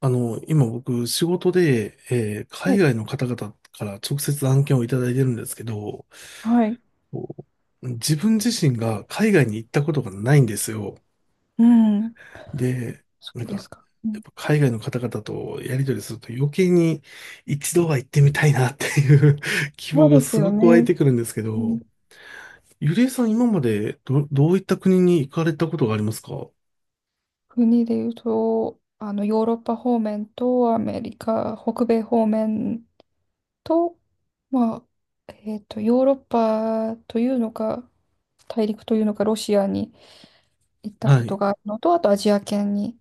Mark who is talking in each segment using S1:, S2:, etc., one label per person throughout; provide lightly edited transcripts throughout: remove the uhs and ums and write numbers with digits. S1: 今僕、仕事で、
S2: は
S1: 海
S2: い。
S1: 外の方々から直接案件をいただいてるんですけど、
S2: はい。
S1: こう自分自身が海外に行ったことがないんですよ。
S2: うん、
S1: で、
S2: そ
S1: なん
S2: うで
S1: か、
S2: すか。う
S1: やっ
S2: ん、
S1: ぱ海外の方々とやり取りすると余計に一度は行ってみたいなっていう 希
S2: そ
S1: 望
S2: う
S1: が
S2: です
S1: す
S2: よ
S1: ごく湧い
S2: ね。
S1: てくるんですけ
S2: う
S1: ど、
S2: ん。
S1: ゆりえさん今までどういった国に行かれたことがありますか？
S2: 国で言うと、ヨーロッパ方面とアメリカ、北米方面と、まヨーロッパというのか、大陸というのか、ロシアに行ったこ
S1: は
S2: と
S1: い。
S2: があるのと、あとアジア圏に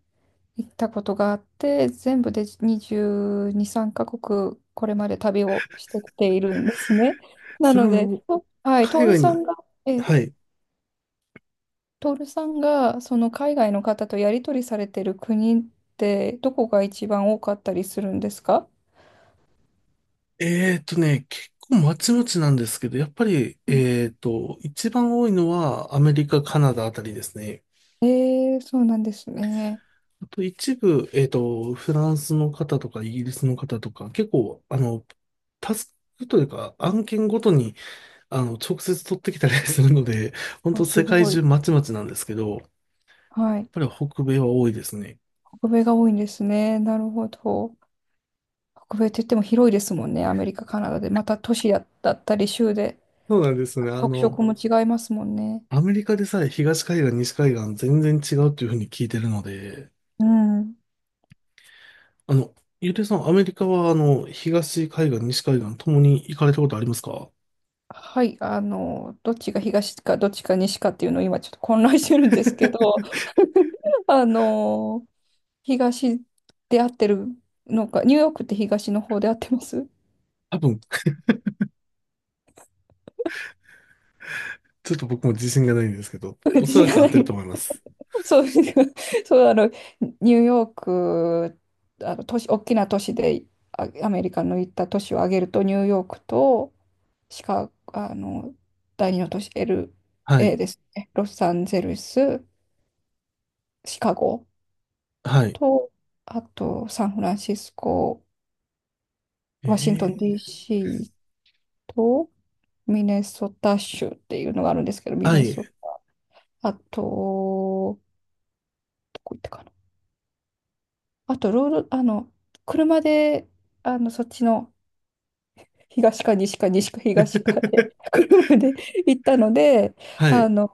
S2: 行ったことがあって、全部で22、3カ国、これまで旅をしてきているんですね。な
S1: それ
S2: ので、
S1: も
S2: とはい、トー
S1: 海
S2: ル
S1: 外
S2: さん
S1: に、
S2: が、え、
S1: はい。
S2: トールさんがその海外の方とやり取りされてる国ってどこが一番多かったりするんですか？
S1: 結構まちまちなんですけど、やっぱり、
S2: うん。
S1: 一番多いのはアメリカ、カナダあたりですね。
S2: えー、そうなんですね。
S1: あと一部、フランスの方とかイギリスの方とか、結構、あの、タスクというか案件ごとに、あの、直接取ってきたりするので、本
S2: あ、
S1: 当
S2: す
S1: 世界
S2: ごい。
S1: 中まちまちなんですけど、やっ
S2: はい。
S1: ぱり北米は多いですね。
S2: 北米が多いんですね。なるほど。北米って言っても広いですもんね。アメリカ、カナダで。また都市だったり州で
S1: そうなんですね。あ
S2: 特色
S1: の、
S2: も違いますもんね。
S1: アメリカでさえ東海岸、西海岸全然違うというふうに聞いてるので、
S2: うん。
S1: あの、ゆうていさん、アメリカは、あの、東海岸、西海岸ともに行かれたことありますか？
S2: はい。どっちが東かどっちか西かっていうのを今ちょっと混乱してるんですけど、あの東で合ってるのか、ニューヨークって東の方で合ってます？
S1: 多分、ちょっと僕も自信がないんですけど、お
S2: 自
S1: そ
S2: 信
S1: らく
S2: が
S1: 当
S2: な
S1: てると
S2: い。
S1: 思います。
S2: そう、そう、あの、ニューヨーク、あの、都市、大きな都市で、アメリカの行った都市を挙げると、ニューヨークと、シカ、あの、第二の都市、
S1: は
S2: LA
S1: い。
S2: ですね。ロサンゼルス、シカゴ
S1: はい。
S2: と、あと、サンフランシスコ、
S1: え
S2: ワシントン
S1: ー、
S2: DC と、ミネソタ州っていうのがあるんですけど、ミ
S1: は
S2: ネ
S1: い。
S2: ソあと、どこ行ったかな。あと、ロード、あの、車で、そっちの東か西かで、車で行ったので、
S1: は
S2: あ
S1: い。
S2: の、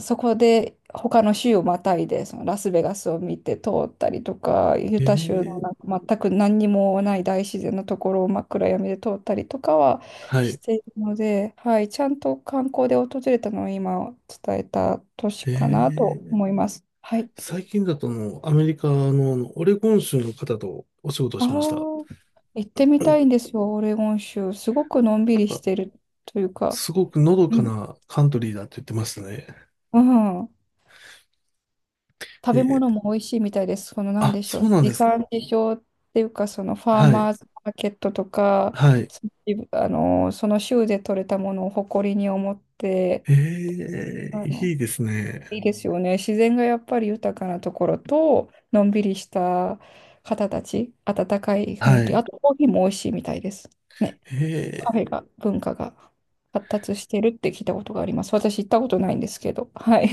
S2: そこで他の州をまたいで、そのラスベガスを見て通ったりとか、ユ
S1: え
S2: タ州の
S1: ー、
S2: なんか全く何にもない大自然のところを真っ暗闇で通ったりとかは
S1: は
S2: し
S1: い。
S2: ているので、はい、ちゃんと観光で訪れたのを今伝えた都市
S1: え
S2: かなと
S1: ー、
S2: 思います。はい。
S1: 最近だとあの、アメリカの、あのオレゴン州の方とお仕事を
S2: ああ、
S1: しました。
S2: 行ってみたいんですよ、オレゴン州。すごくのんび
S1: なん
S2: りし
S1: か、
S2: てるというか、
S1: すごくのど
S2: う
S1: か
S2: ん、
S1: なカントリーだって言ってましたね。
S2: うん、食
S1: え
S2: べ
S1: ー、
S2: 物も美味しいみたいです。その、なん
S1: あ、
S2: でしょ
S1: そ
S2: う、
S1: うなん
S2: 地
S1: ですか。
S2: 産地消っていうか、そのファー
S1: はい。
S2: マーズマーケットとか、
S1: はい。
S2: そその州で採れたものを誇りに思って、
S1: ええ、
S2: あ
S1: い
S2: の、
S1: いですね。
S2: いいですよね。自然がやっぱり豊かなところと、のんびりした方たち、温かい雰囲
S1: は
S2: 気、
S1: い。
S2: あとコーヒーも美味しいみたいです。ね。カ
S1: え
S2: フェが、文化が発達してるって聞いたことがあります。私行ったことないんですけど。はい。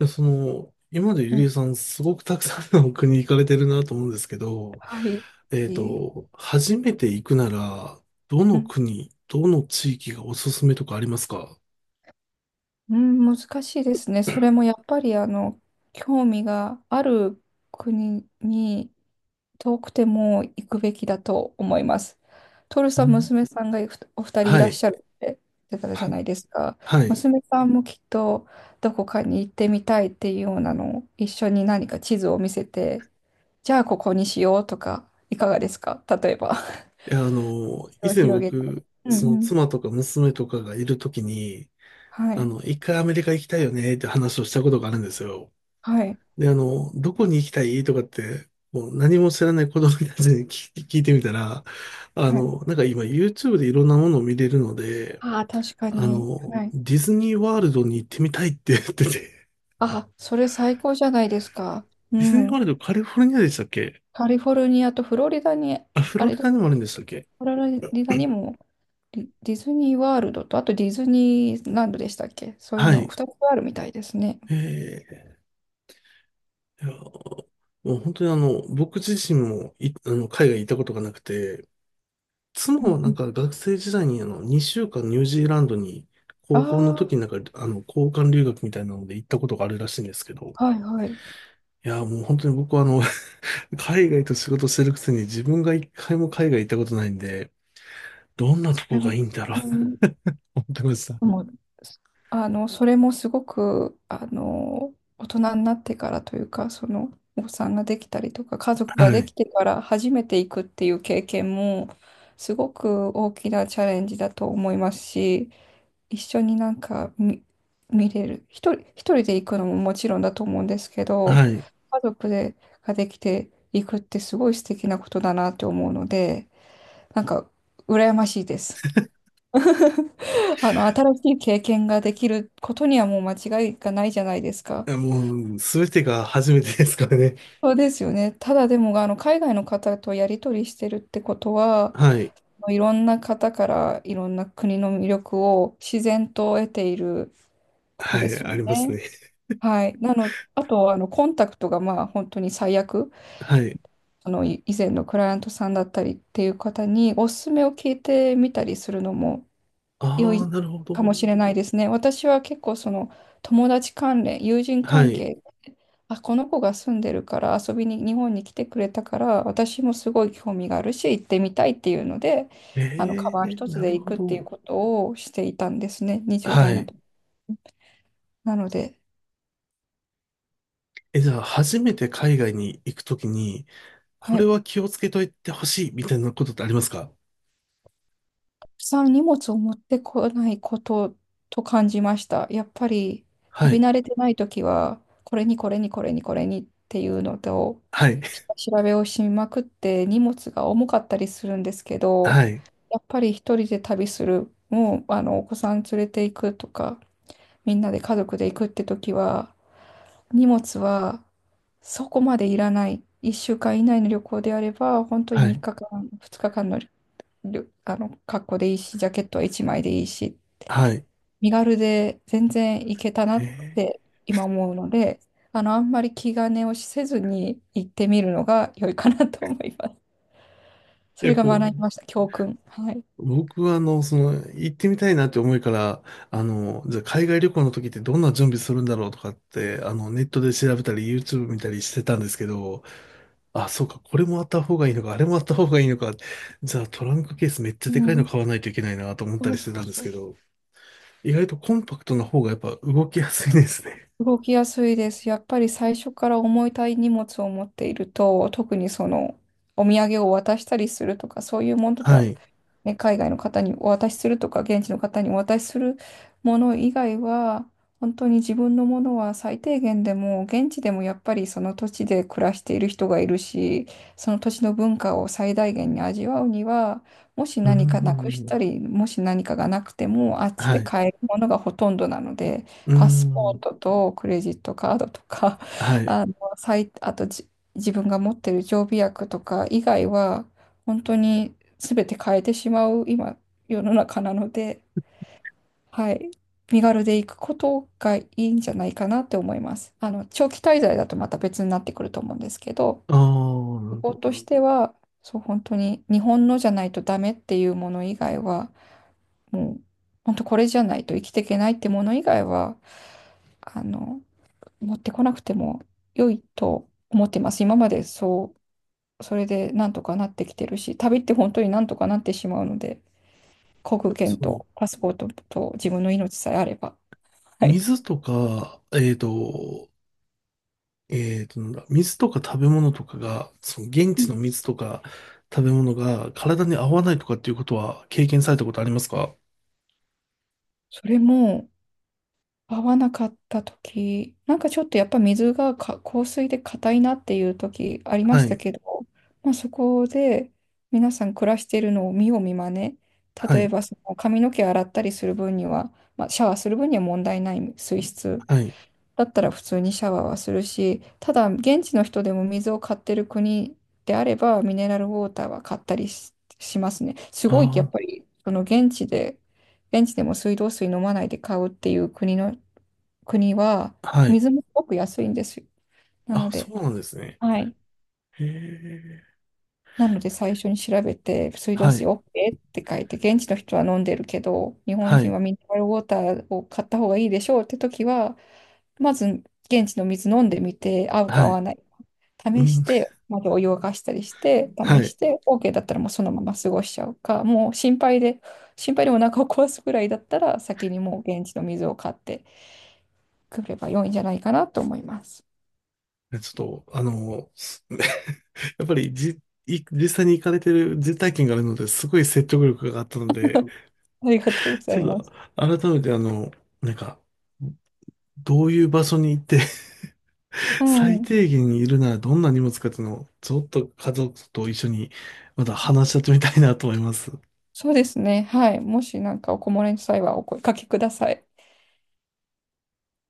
S1: え、その、今までゆ
S2: う
S1: りえ
S2: ん。
S1: さん、すごくたくさんの国行かれてるなと思うんですけど、
S2: はい。
S1: えっ
S2: いえ。
S1: と、初めて行くなら、ど
S2: う
S1: の
S2: ん、
S1: 国、どの地域がおすすめとかありますか？
S2: うん、難しいですね。それもやっぱり、興味がある国に遠くても行くべきだと思います。トル
S1: う
S2: さん、
S1: ん。
S2: 娘さんがお二人い
S1: は
S2: らっ
S1: い。
S2: しゃるって言ってたじゃ
S1: は、
S2: ないですか。
S1: はい。
S2: 娘さんもきっとどこかに行ってみたいっていうようなのを一緒に何か地図を見せて、じゃあここにしようとか、いかがですか例えば。
S1: いや、あの、以
S2: を
S1: 前
S2: 広げて。
S1: 僕、
S2: うんう
S1: その
S2: ん。
S1: 妻とか娘とかがいるときに、
S2: は
S1: あ
S2: い。
S1: の、一回アメリカ行きたいよねって話をしたことがあるんですよ。
S2: はい。
S1: で、あの、どこに行きたいとかって、もう何も知らない子供たちに聞 聞いてみたら、あ
S2: はい。
S1: の、なんか今 YouTube でいろんなものを見れるので、
S2: ああ、確か
S1: あ
S2: に。
S1: の、
S2: はい。
S1: ディズニーワールドに行ってみたいって言ってて、
S2: あ、それ最高じゃないですか。う
S1: ディズニーワー
S2: ん。
S1: ルドカリフォルニアでしたっけ？
S2: カリフォルニアとフロリダに、
S1: あ、フ
S2: あ
S1: ロ
S2: れ、
S1: リ
S2: ど
S1: ダにもあるんでしたっけ？
S2: フロリダにもディディズニーワールドと、あとディズニーランドでしたっけ、そういう
S1: は
S2: の
S1: い。
S2: 2つあるみたいですね。
S1: えー、いやもう本当にあの、僕自身もあの、海外行ったことがなくて、妻
S2: うん。
S1: は
S2: う
S1: なん
S2: ん、
S1: か学生時代にあの2週間ニュージーランドに高校の時
S2: あ
S1: になんかあの交換留学みたいなので行ったことがあるらしいんですけど、
S2: あ、はいはい。
S1: いやーもう本当に僕はあの 海外と仕事してるくせに自分が一回も海外行ったことないんで、どんな
S2: そ
S1: と
S2: れ
S1: こが
S2: は、
S1: いいんだろう
S2: う
S1: と
S2: ん、
S1: 思ってました。
S2: もう、それもすごく、大人になってからというか、その、お子さんができたりとか、家族が
S1: は
S2: でき
S1: い。
S2: てから初めて行くっていう経験も、すごく大きなチャレンジだと思いますし、一緒になんか見、見れる。一人で行くのももちろんだと思うんですけど、
S1: はい。い
S2: 家族で、ができていくってすごい素敵なことだなって思うので、なんか、羨ましいです。新しい経験ができることにはもう間違いがないじゃないですか。
S1: やもうすべてが初めてですからね。
S2: そうですよね。ただでも、海外の方とやり取りしてるってことは、
S1: はい。
S2: いろんな方からいろんな国の魅力を自然と得ていること
S1: は
S2: で
S1: い。
S2: すよ
S1: あります
S2: ね。
S1: ね。
S2: はい。なの、あと、コンタクトがまあ本当に最悪、
S1: はい。
S2: 以前のクライアントさんだったりっていう方におすすめを聞いてみたりするのも良
S1: ああ、
S2: い
S1: なるほ
S2: かも
S1: ど。
S2: しれないですね。私は結構その友人
S1: は
S2: 関
S1: い。
S2: 係、あ、この子が住んでるから遊びに日本に来てくれたから私もすごい興味があるし行ってみたいっていうので、あのカ
S1: え
S2: バン
S1: え、
S2: 一つ
S1: な
S2: で
S1: る
S2: 行
S1: ほ
S2: くっていう
S1: ど。
S2: ことをしていたんですね、20
S1: は
S2: 代の
S1: い。
S2: 時。なので、
S1: え、じゃあ、初めて海外に行くときに、こ
S2: は
S1: れ
S2: い。
S1: は気をつけといてほしいみたいなことってありますか？
S2: さん荷物を持ってこないことと感じました。やっぱり
S1: は
S2: 旅
S1: い。
S2: 慣れてないときは、これにっていうのと、
S1: はい。
S2: 下調べをしまくって荷物が重かったりするんですけど、
S1: はい。
S2: やっぱり一人で旅する、もうあのお子さん連れて行くとか、みんなで家族で行くって時は、荷物はそこまでいらない。1週間以内の旅行であれば、本当に
S1: は
S2: 3
S1: い。
S2: 日間、2日間のりょあの、格好でいいし、ジャケットは一枚でいいし、
S1: はい。
S2: 身軽で全然いけたな
S1: え
S2: っ
S1: ー、
S2: て今思うので、あんまり気兼ねをせずに行ってみるのが良いかなと思います。
S1: い
S2: それ
S1: や、
S2: が
S1: こ
S2: 学びました、教訓。はい。
S1: う、僕は、あの、その、行ってみたいなって思いから、あの、じゃあ、海外旅行の時ってどんな準備するんだろうとかって、あの、ネットで調べたり、YouTube 見たりしてたんですけど、あ、そうか、これもあった方がいいのか、あれもあった方がいいのか、じゃあ、トランクケースめっちゃ
S2: う
S1: でかいの
S2: ん。
S1: 買わないといけないなと思った
S2: そう
S1: りし
S2: そ
S1: て
S2: う
S1: たんです
S2: そ
S1: け
S2: う。
S1: ど、意外とコンパクトな方がやっぱ動きやすいですね。
S2: 動きやすいです。やっぱり最初から重たい荷物を持っていると、特にその、お土産を渡したりするとか、そういうものと
S1: は
S2: は
S1: い。
S2: ね、海外の方にお渡しするとか、現地の方にお渡しするもの以外は、本当に自分のものは最低限でも、現地でもやっぱりその土地で暮らしている人がいるし、その土地の文化を最大限に味わうには、もし
S1: うー
S2: 何かなくし
S1: ん。
S2: たり、もし何かがなくても、あっち
S1: は
S2: で
S1: い。
S2: 買えるものがほとんどなので、
S1: うー
S2: パスポー
S1: ん。
S2: トとクレジットカードとか、
S1: は い。
S2: あの、最あとじ自分が持ってる常備薬とか以外は、本当に全て変えてしまう今世の中なので、はい、身軽で行くことがいいんじゃないかなって思います。あの長期滞在だとまた別になってくると思うんですけど、
S1: ああ、なる
S2: 旅
S1: ほ
S2: 行
S1: ど。
S2: としてはそう本当に日本のじゃないとダメっていうもの以外はもう本当これじゃないと生きていけないってもの以外はあの持ってこなくても良いと思ってます。今までそうそれでなんとかなってきてるし、旅って本当になんとかなってしまうので。航空券
S1: その、
S2: とパスポートと自分の命さえあれば。はい。
S1: 水とか、えっと、えっと、なんだ、水とか食べ物とかが、その現
S2: う
S1: 地
S2: ん。
S1: の水とか食べ物が体に合わないとかっていうことは経験されたことありますか？
S2: それも合わなかった時、なんかちょっとやっぱ水がか硬水で硬いなっていう時ありま
S1: は
S2: した
S1: い。
S2: けど、まあ、そこで皆さん暮らしているのを見よう見まね。
S1: は
S2: 例え
S1: い。
S2: ばその髪の毛洗ったりする分には、まあ、シャワーする分には問題ない水質
S1: はい。
S2: だったら普通にシャワーはするし、ただ現地の人でも水を買ってる国であれば、ミネラルウォーターは買ったりし、しますね。すごいやっ
S1: あ
S2: ぱり、その現地で、現地でも水道水飲まないで買うっていう国は、
S1: あ、はい。
S2: 水もすごく安いんですよ。な
S1: あ、
S2: の
S1: そ
S2: で、
S1: うなんですね。
S2: はい。
S1: へえ。
S2: なので最初に調べて、水道
S1: は
S2: 水
S1: い。
S2: OK って書いて、現地の人は飲んでるけど、日本
S1: は
S2: 人
S1: い。
S2: はミネラルウォーターを買った方がいいでしょうって時は、まず現地の水飲んでみて、合うか
S1: は
S2: 合わ
S1: い。
S2: ない
S1: う
S2: 試し
S1: ん。
S2: て、まずお湯を沸かしたりして、
S1: は
S2: 試し
S1: い。
S2: て、OK だったらもうそのまま過ごしちゃうか、もう心配で、心配でお腹を壊すぐらいだったら、先にもう現地の水を買ってくれば良いんじゃないかなと思います。
S1: でちょっと、あの、す やっぱりじ、い実際に行かれてる実体験があるので、すごい説得力があったので、
S2: ありがとうござ
S1: ち
S2: い
S1: ょっ
S2: ま
S1: と、
S2: す。
S1: 改めてあの、なんか、どういう場所に行って、
S2: う
S1: 最
S2: ん。
S1: 低限にいるならどんな荷物かっていうのを、ちょっと家族と一緒に、また話し合ってみたいなと思います。
S2: そうですね。はい。もしなんかお困りの際はお声かけください。